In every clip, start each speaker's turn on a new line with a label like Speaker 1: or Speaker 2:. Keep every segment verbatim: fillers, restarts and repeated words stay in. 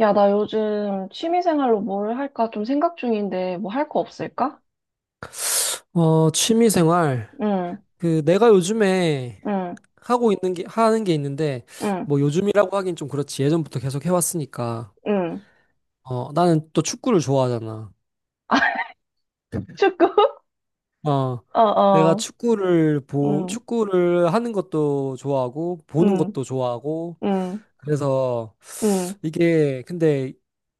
Speaker 1: 야, 나 요즘 취미생활로 뭘 할까 좀 생각 중인데, 뭐 할 거 없을까?
Speaker 2: 어, 취미 생활.
Speaker 1: 응,
Speaker 2: 그, 내가 요즘에
Speaker 1: 응,
Speaker 2: 하고 있는 게, 하는 게 있는데,
Speaker 1: 응,
Speaker 2: 뭐 요즘이라고 하긴 좀 그렇지. 예전부터 계속 해왔으니까.
Speaker 1: 응.
Speaker 2: 어, 나는 또 축구를 좋아하잖아.
Speaker 1: 축구?
Speaker 2: 어,
Speaker 1: 어,
Speaker 2: 내가
Speaker 1: 어,
Speaker 2: 축구를 보,
Speaker 1: 응,
Speaker 2: 축구를 하는 것도 좋아하고, 보는
Speaker 1: 응,
Speaker 2: 것도 좋아하고,
Speaker 1: 응,
Speaker 2: 그래서
Speaker 1: 응.
Speaker 2: 이게, 근데,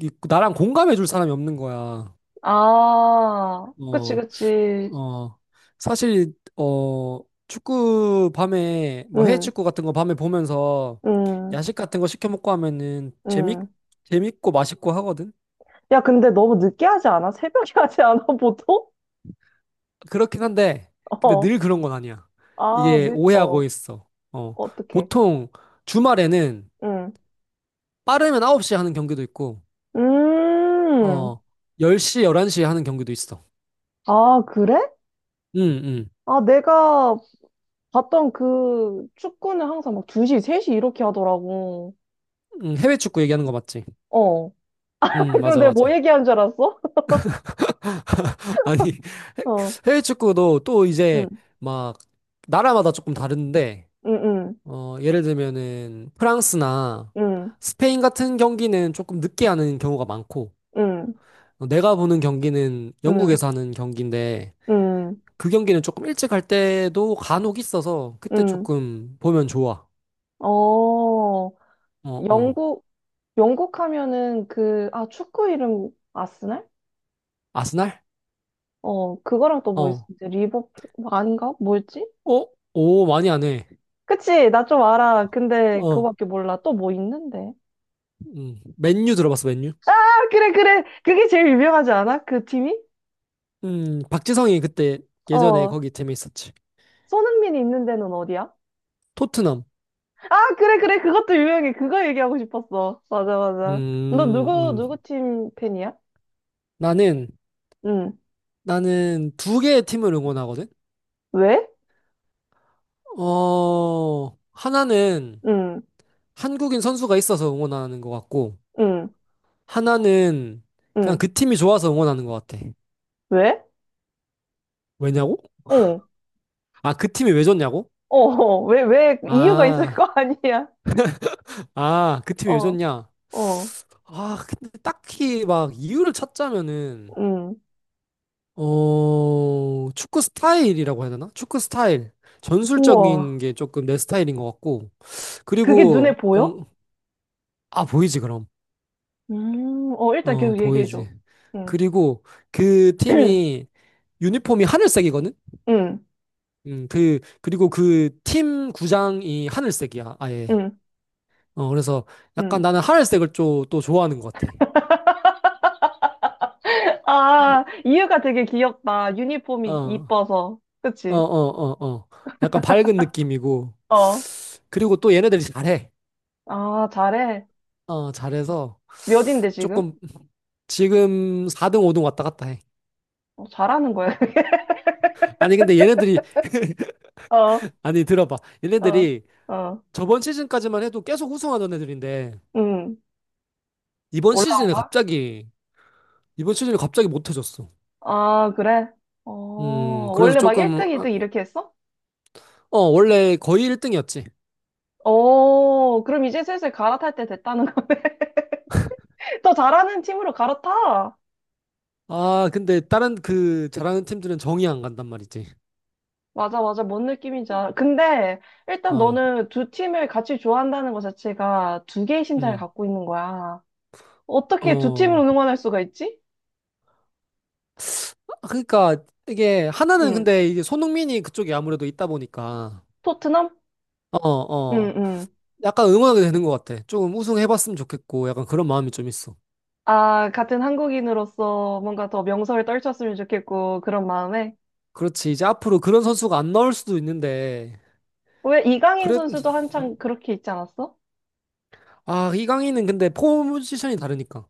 Speaker 2: 이- 나랑 공감해줄 사람이 없는 거야.
Speaker 1: 아, 그치,
Speaker 2: 어,
Speaker 1: 그치.
Speaker 2: 어, 사실, 어, 축구 밤에, 뭐 해외
Speaker 1: 응,
Speaker 2: 축구 같은 거 밤에 보면서
Speaker 1: 응,
Speaker 2: 야식 같은 거 시켜 먹고 하면은 재밌,
Speaker 1: 응.
Speaker 2: 재밌고 맛있고 하거든?
Speaker 1: 야, 근데 너무 늦게 하지 않아? 새벽에 하지 않아, 보통?
Speaker 2: 그렇긴 한데, 근데
Speaker 1: 어,
Speaker 2: 늘 그런 건 아니야.
Speaker 1: 아,
Speaker 2: 이게
Speaker 1: 밀,
Speaker 2: 오해하고
Speaker 1: 어,
Speaker 2: 있어. 어,
Speaker 1: 어떡해.
Speaker 2: 보통 주말에는
Speaker 1: 응,
Speaker 2: 빠르면 아홉 시에 하는 경기도 있고,
Speaker 1: 음,
Speaker 2: 어, 열 시, 열한 시에 하는 경기도 있어.
Speaker 1: 아, 그래?
Speaker 2: 응, 응.
Speaker 1: 아, 내가 봤던 그 축구는 항상 막 두 시, 세 시 이렇게 하더라고.
Speaker 2: 응, 해외 축구 얘기하는 거 맞지?
Speaker 1: 어.
Speaker 2: 응,
Speaker 1: 그럼
Speaker 2: 맞아,
Speaker 1: 내가 뭐
Speaker 2: 맞아.
Speaker 1: 얘기한 줄 알았어?
Speaker 2: 아니,
Speaker 1: 어.
Speaker 2: 해외 축구도 또 이제
Speaker 1: 응,
Speaker 2: 막 나라마다 조금 다른데,
Speaker 1: 응, 응,
Speaker 2: 어, 예를 들면은 프랑스나
Speaker 1: 응,
Speaker 2: 스페인 같은 경기는 조금 늦게 하는 경우가 많고,
Speaker 1: 응,
Speaker 2: 어, 내가 보는 경기는
Speaker 1: 응,
Speaker 2: 영국에서 하는 경기인데,
Speaker 1: 응,
Speaker 2: 그 경기는 조금 일찍 할 때도 간혹 있어서 그때
Speaker 1: 응.
Speaker 2: 조금 보면 좋아.
Speaker 1: 어.
Speaker 2: 어, 어.
Speaker 1: 영국, 영국 하면은 그, 아, 축구 이름 아스날?
Speaker 2: 아스날?
Speaker 1: 어, 그거랑 또 뭐 있었지?
Speaker 2: 어.
Speaker 1: 리버풀, 뭐 아닌가? 뭐였지?
Speaker 2: 어? 오, 많이 안 해.
Speaker 1: 그치, 나 좀 알아. 근데
Speaker 2: 어.
Speaker 1: 그거밖에 몰라. 또 뭐 있는데?
Speaker 2: 음. 맨유 들어봤어, 맨유?
Speaker 1: 아, 그래, 그래. 그게 제일 유명하지 않아? 그 팀이?
Speaker 2: 음, 박지성이 그때 예전에
Speaker 1: 어.
Speaker 2: 거기 재밌었지.
Speaker 1: 손흥민이 있는 데는 어디야?
Speaker 2: 토트넘.
Speaker 1: 아, 그래, 그래. 그것도 유명해. 그거 얘기하고 싶었어. 맞아, 맞아. 너
Speaker 2: 음,
Speaker 1: 누구, 누구
Speaker 2: 음.
Speaker 1: 팀 팬이야?
Speaker 2: 나는,
Speaker 1: 응.
Speaker 2: 나는 두 개의 팀을 응원하거든?
Speaker 1: 왜?
Speaker 2: 어, 하나는
Speaker 1: 응,
Speaker 2: 한국인 선수가 있어서 응원하는 것 같고,
Speaker 1: 응,
Speaker 2: 하나는 그냥
Speaker 1: 응.
Speaker 2: 그 팀이 좋아서 응원하는 것 같아.
Speaker 1: 왜?
Speaker 2: 왜냐고?
Speaker 1: 어,
Speaker 2: 아, 그 팀이 왜 좋냐고?
Speaker 1: 어, 어. 왜, 왜, 이유가 있을 거
Speaker 2: 아,
Speaker 1: 아니야?
Speaker 2: 아, 그 팀이 왜
Speaker 1: 어,
Speaker 2: 좋냐?
Speaker 1: 어,
Speaker 2: 아, 근데 딱히 막 이유를 찾자면은,
Speaker 1: 응.
Speaker 2: 어, 축구 스타일이라고 해야 되나? 축구 스타일. 전술적인
Speaker 1: 우와.
Speaker 2: 게 조금 내 스타일인 것 같고,
Speaker 1: 그게 눈에
Speaker 2: 그리고
Speaker 1: 보여?
Speaker 2: 뭔- 아, 보이지, 그럼.
Speaker 1: 음, 어, 일단
Speaker 2: 어,
Speaker 1: 계속 얘기해줘.
Speaker 2: 보이지.
Speaker 1: 응,
Speaker 2: 그리고 그 팀이 유니폼이 하늘색이거든?
Speaker 1: 응,
Speaker 2: 음, 그, 그리고 그 팀 구장이 하늘색이야, 아예.
Speaker 1: 응,
Speaker 2: 어, 그래서 약간
Speaker 1: 응.
Speaker 2: 나는 하늘색을 좀 또 좋아하는 것 같아.
Speaker 1: 아, 이유가 되게 귀엽다.
Speaker 2: 어,
Speaker 1: 유니폼이
Speaker 2: 어,
Speaker 1: 이뻐서.
Speaker 2: 어,
Speaker 1: 그치?
Speaker 2: 어, 어. 약간 밝은 느낌이고.
Speaker 1: 어.
Speaker 2: 그리고 또 얘네들이 잘해.
Speaker 1: 아, 잘해.
Speaker 2: 어, 잘해서
Speaker 1: 몇인데 지금?
Speaker 2: 조금 지금 사 등, 오 등 왔다 갔다 해.
Speaker 1: 어, 잘하는 거야.
Speaker 2: 아니, 근데 얘네들이,
Speaker 1: 어,
Speaker 2: 아니, 들어봐.
Speaker 1: 어,
Speaker 2: 얘네들이
Speaker 1: 어,
Speaker 2: 저번 시즌까지만 해도 계속 우승하던 애들인데,
Speaker 1: 응.
Speaker 2: 이번
Speaker 1: 올라온
Speaker 2: 시즌에
Speaker 1: 거야?
Speaker 2: 갑자기 이번 시즌에 갑자기 못해졌어.
Speaker 1: 아, 그래? 어,
Speaker 2: 음, 그래서
Speaker 1: 원래 막
Speaker 2: 조금
Speaker 1: 일 등,
Speaker 2: 아,
Speaker 1: 이 등 이렇게 했어?
Speaker 2: 어, 원래 거의 일 등이었지.
Speaker 1: 어, 그럼 이제 슬슬 갈아탈 때 됐다는 거. 더 잘하는 팀으로 갈아타.
Speaker 2: 아, 근데 다른 그 잘하는 팀들은 정이 안 간단 말이지.
Speaker 1: 맞아, 맞아. 뭔 느낌인지 알아. 근데 일단
Speaker 2: 어.
Speaker 1: 너는 두 팀을 같이 좋아한다는 것 자체가 두 개의 심장을
Speaker 2: 음.
Speaker 1: 갖고 있는 거야. 어떻게 두 팀을
Speaker 2: 어.
Speaker 1: 응원할 수가 있지?
Speaker 2: 아, 그러니까 이게 하나는
Speaker 1: 응.
Speaker 2: 근데 이게 손흥민이 그쪽에 아무래도 있다 보니까
Speaker 1: 토트넘?
Speaker 2: 어,
Speaker 1: 응,
Speaker 2: 어.
Speaker 1: 응.
Speaker 2: 약간 응원하게 되는 것 같아. 조금 우승해 봤으면 좋겠고 약간 그런 마음이 좀 있어.
Speaker 1: 아, 같은 한국인으로서 뭔가 더 명성을 떨쳤으면 좋겠고, 그런 마음에.
Speaker 2: 그렇지. 이제 앞으로 그런 선수가 안 나올 수도 있는데
Speaker 1: 왜 이강인
Speaker 2: 그래.
Speaker 1: 선수도 한창 그렇게 있지 않았어?
Speaker 2: 아, 이강인은 근데 포지션이 다르니까.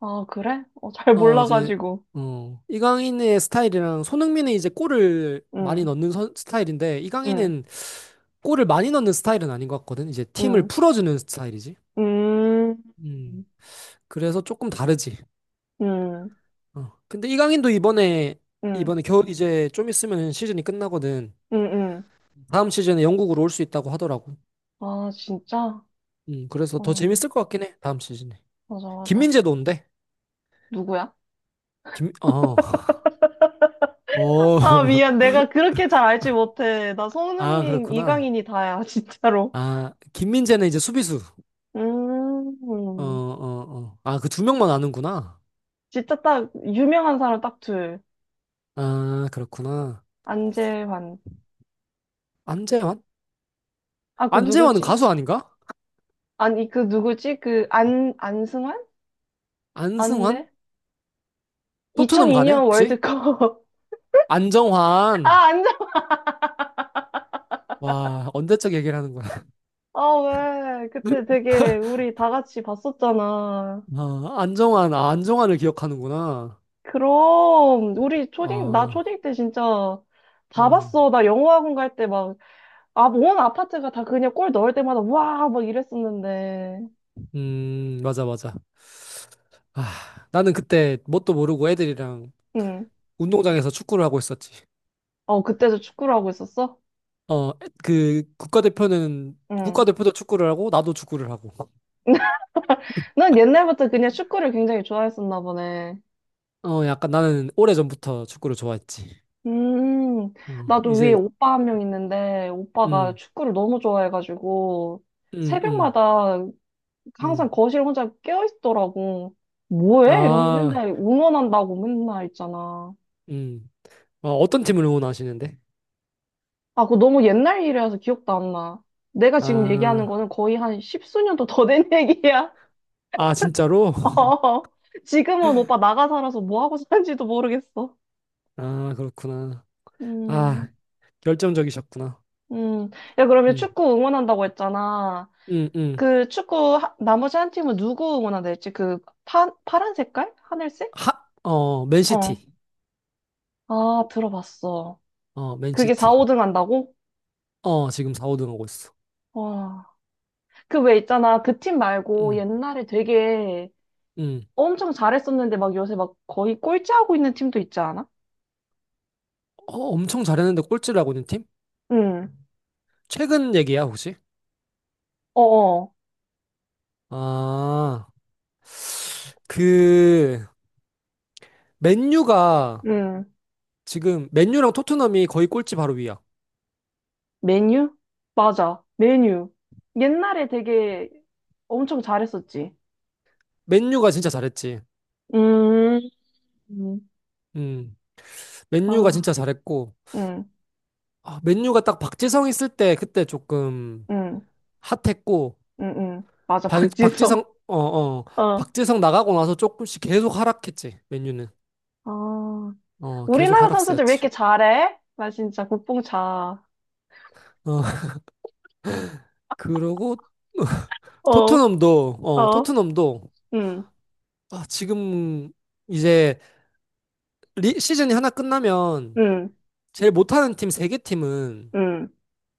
Speaker 1: 아, 그래? 어, 잘
Speaker 2: 어, 이제,
Speaker 1: 몰라가지고.
Speaker 2: 어, 이강인의 스타일이랑 손흥민은 이제 골을 많이
Speaker 1: 응,
Speaker 2: 넣는 선- 스타일인데,
Speaker 1: 응,
Speaker 2: 이강인은 골을 많이 넣는 스타일은 아닌 것 같거든. 이제 팀을
Speaker 1: 응,
Speaker 2: 풀어주는 스타일이지.
Speaker 1: 음,
Speaker 2: 음, 그래서 조금 다르지.
Speaker 1: 응,
Speaker 2: 어. 근데 이강인도 이번에,
Speaker 1: 응, 응,
Speaker 2: 이번에 겨울 이제 좀 있으면 시즌이 끝나거든.
Speaker 1: 응.
Speaker 2: 다음 시즌에 영국으로 올 수 있다고 하더라고.
Speaker 1: 아, 진짜?
Speaker 2: 음, 그래서 더
Speaker 1: 어,
Speaker 2: 재밌을 것 같긴 해. 다음 시즌에.
Speaker 1: 맞아, 맞아.
Speaker 2: 김민재도 온대.
Speaker 1: 누구야?
Speaker 2: 김, 어, 어,
Speaker 1: 아, 미안. 내가 그렇게 잘 알지 못해. 나
Speaker 2: 아,
Speaker 1: 손흥민,
Speaker 2: 그렇구나.
Speaker 1: 이강인이 다야, 진짜로.
Speaker 2: 아, 김민재는 이제 수비수. 어,
Speaker 1: 음,
Speaker 2: 어, 어. 아, 그 두 명만 아는구나.
Speaker 1: 진짜 딱, 유명한 사람 딱 둘.
Speaker 2: 아, 그렇구나.
Speaker 1: 안재환.
Speaker 2: 안재환?
Speaker 1: 아, 그
Speaker 2: 안재환은
Speaker 1: 누구지?
Speaker 2: 가수 아닌가?
Speaker 1: 아니, 그 누구지? 그 안, 안승환?
Speaker 2: 안승환?
Speaker 1: 아닌데?
Speaker 2: 토트넘 가네,
Speaker 1: 이천이 년
Speaker 2: 혹시?
Speaker 1: 월드컵. 아,
Speaker 2: 안정환.
Speaker 1: 안전
Speaker 2: 와, 언제적 얘기를 하는구나.
Speaker 1: 아, 왜? 그때 되게 우리 다 같이 봤었잖아.
Speaker 2: 아, 안정환, 아, 안정환을 기억하는구나.
Speaker 1: 그럼, 우리 초딩, 나
Speaker 2: 어,
Speaker 1: 초딩 때 진짜 다
Speaker 2: 음,
Speaker 1: 봤어. 나 영어학원 갈 때 막, 아, 온 아파트가 다 그냥 골 넣을 때마다 와! 막 이랬었는데.
Speaker 2: 음, 맞아, 맞아. 아, 나는 그때 뭣도 모르고 애들이랑
Speaker 1: 응.
Speaker 2: 운동장에서 축구를 하고 있었지.
Speaker 1: 어, 그때도 축구를 하고 있었어?
Speaker 2: 어, 그 국가대표는
Speaker 1: 응.
Speaker 2: 국가대표도 축구를 하고 나도 축구를 하고.
Speaker 1: 난 옛날부터 그냥 축구를 굉장히 좋아했었나 보네.
Speaker 2: 어, 약간 나는 오래전부터 축구를 좋아했지.
Speaker 1: 음,
Speaker 2: 어,
Speaker 1: 나도 위에
Speaker 2: 이제,
Speaker 1: 오빠 한 명 있는데, 오빠가
Speaker 2: 음,
Speaker 1: 축구를 너무 좋아해가지고,
Speaker 2: 음, 음,
Speaker 1: 새벽마다
Speaker 2: 음.
Speaker 1: 항상 거실 혼자 깨어있더라고. 뭐해? 이러면
Speaker 2: 아,
Speaker 1: 맨날 응원한다고 맨날 있잖아.
Speaker 2: 음. 아, 어떤 팀을 응원하시는데?
Speaker 1: 아, 그거 너무 옛날 일이라서 기억도 안 나. 내가 지금 얘기하는
Speaker 2: 아,
Speaker 1: 거는 거의 한 십수년도 더 된 얘기야.
Speaker 2: 아, 진짜로?
Speaker 1: 어, 지금은 오빠 나가 살아서 뭐 하고 사는지도 모르겠어.
Speaker 2: 아, 그렇구나. 아,
Speaker 1: 음,
Speaker 2: 결정적이셨구나.
Speaker 1: 음. 야, 그러면
Speaker 2: 음,
Speaker 1: 축구 응원한다고 했잖아.
Speaker 2: 음, 음.
Speaker 1: 그 축구 하- 나머지 한 팀은 누구 응원한다랬지? 그 파, 파란 색깔? 하늘색?
Speaker 2: 하, 어,
Speaker 1: 어.
Speaker 2: 맨시티.
Speaker 1: 아, 들어봤어.
Speaker 2: 어,
Speaker 1: 그게 사,
Speaker 2: 맨시티.
Speaker 1: 오 등 한다고?
Speaker 2: 어, 지금 사, 오 등 하고 있어.
Speaker 1: 와. 그 왜 있잖아. 그 팀 말고
Speaker 2: 음,
Speaker 1: 옛날에 되게
Speaker 2: 음.
Speaker 1: 엄청 잘했었는데 막 요새 막 거의 꼴찌하고 있는 팀도 있지 않아?
Speaker 2: 어, 엄청 잘했는데 꼴찌를 하고 있는 팀?
Speaker 1: 응.
Speaker 2: 최근 얘기야, 혹시?
Speaker 1: 어어.
Speaker 2: 아, 그, 맨유가,
Speaker 1: 응.
Speaker 2: 지금, 맨유랑 토트넘이 거의 꼴찌 바로 위야.
Speaker 1: 메뉴? 맞아. 메뉴. 옛날에 되게 엄청 잘했었지.
Speaker 2: 맨유가 진짜 잘했지.
Speaker 1: 음. 음.
Speaker 2: 음, 맨유가
Speaker 1: 아.
Speaker 2: 진짜 잘했고,
Speaker 1: 응.
Speaker 2: 아, 맨유가 딱 박지성 있을 때 그때 조금
Speaker 1: 응.
Speaker 2: 핫했고,
Speaker 1: 응. 응. 맞아.
Speaker 2: 박, 박지성,
Speaker 1: 박지성.
Speaker 2: 어, 어,
Speaker 1: 어.
Speaker 2: 박지성 나가고 나서 조금씩 계속 하락했지, 맨유는.
Speaker 1: 아,
Speaker 2: 어, 계속
Speaker 1: 우리나라 선수들 왜 이렇게
Speaker 2: 하락세였지.
Speaker 1: 잘해? 나 진짜 국뽕차.
Speaker 2: 어, 그러고,
Speaker 1: 어,
Speaker 2: 토트넘도, 어,
Speaker 1: 어,
Speaker 2: 토트넘도,
Speaker 1: 응,
Speaker 2: 아, 지금 이제 리, 시즌이 하나 끝나면
Speaker 1: 응,
Speaker 2: 제일 못하는 팀 세 개 팀은,
Speaker 1: 응.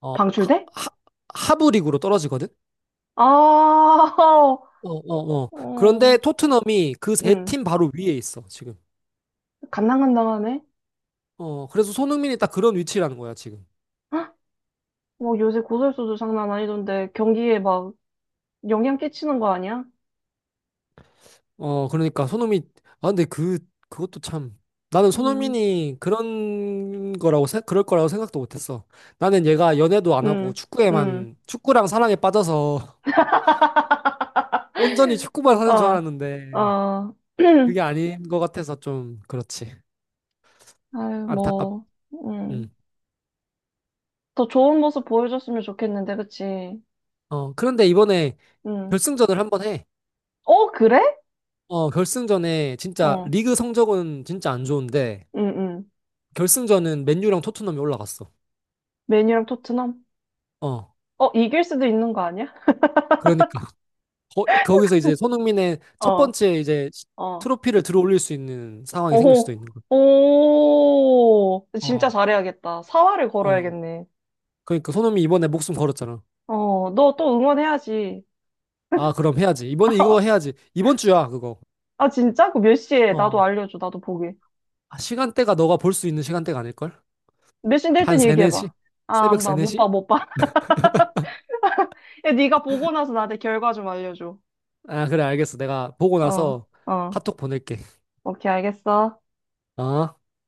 Speaker 2: 어, 하,
Speaker 1: 방출대?
Speaker 2: 하, 하부 리그로 떨어지거든?
Speaker 1: 아,
Speaker 2: 어, 어, 어.
Speaker 1: 어,
Speaker 2: 그런데 토트넘이 그 세
Speaker 1: 응.
Speaker 2: 팀 바로 위에 있어, 지금.
Speaker 1: 간당간당하네.
Speaker 2: 어, 그래서 손흥민이 딱 그런 위치라는 거야, 지금.
Speaker 1: 헉, 뭐 요새 고설수도 장난 아니던데 경기에 막 영향 끼치는 거 아니야?
Speaker 2: 어, 그러니까 손흥민, 아, 근데 그, 그것도 참. 나는
Speaker 1: 응,
Speaker 2: 손흥민이 그런 거라고, 생- 그럴 거라고 생각도 못 했어. 나는 얘가 연애도 안 하고
Speaker 1: 응, 응.
Speaker 2: 축구에만, 축구랑 사랑에 빠져서 온전히 축구만 하는 줄
Speaker 1: 어,
Speaker 2: 알았는데,
Speaker 1: 어.
Speaker 2: 그게 아닌 것 같아서 좀, 그렇지.
Speaker 1: 아유,
Speaker 2: 안타깝,
Speaker 1: 뭐, 응.
Speaker 2: 음.
Speaker 1: 더 좋은 모습 보여줬으면 좋겠는데, 그치?
Speaker 2: 어, 그런데 이번에
Speaker 1: 응.
Speaker 2: 결승전을 한번 해.
Speaker 1: 어, 그래?
Speaker 2: 어, 결승전에 진짜
Speaker 1: 어,
Speaker 2: 리그 성적은 진짜 안 좋은데,
Speaker 1: 응, 응.
Speaker 2: 결승전은 맨유랑 토트넘이 올라갔어.
Speaker 1: 메뉴랑 토트넘?
Speaker 2: 어,
Speaker 1: 어, 이길 수도 있는 거 아니야?
Speaker 2: 그러니까. 거, 거기서 이제 손흥민의 첫
Speaker 1: 어,
Speaker 2: 번째 이제 시-
Speaker 1: 어.
Speaker 2: 트로피를 들어올릴 수 있는 상황이 생길 수도
Speaker 1: 오호,
Speaker 2: 있는 거.
Speaker 1: 오. 진짜
Speaker 2: 어,
Speaker 1: 잘해야겠다. 사활을
Speaker 2: 어.
Speaker 1: 걸어야겠네.
Speaker 2: 그러니까 손흥민 이번에 목숨 걸었잖아.
Speaker 1: 어, 너 또 응원해야지.
Speaker 2: 아, 그럼 해야지. 이번에 이거 해야지. 이번 주야, 그거.
Speaker 1: 아, 진짜? 그 몇 시에? 나도
Speaker 2: 어.
Speaker 1: 알려줘. 나도 보게.
Speaker 2: 아, 시간대가 너가 볼 수 있는 시간대가 아닐걸?
Speaker 1: 몇 시인데
Speaker 2: 한
Speaker 1: 일단
Speaker 2: 세네시
Speaker 1: 얘기해봐. 아,
Speaker 2: 새벽
Speaker 1: 안
Speaker 2: 세
Speaker 1: 봐.
Speaker 2: 네
Speaker 1: 못
Speaker 2: 시
Speaker 1: 봐, 못 봐. 야, 네가 보고 나서 나한테 결과 좀 알려줘.
Speaker 2: 아, 그래, 알겠어. 내가 보고
Speaker 1: 어,
Speaker 2: 나서
Speaker 1: 어.
Speaker 2: 카톡 보낼게.
Speaker 1: 오케이, 알겠어.
Speaker 2: 어?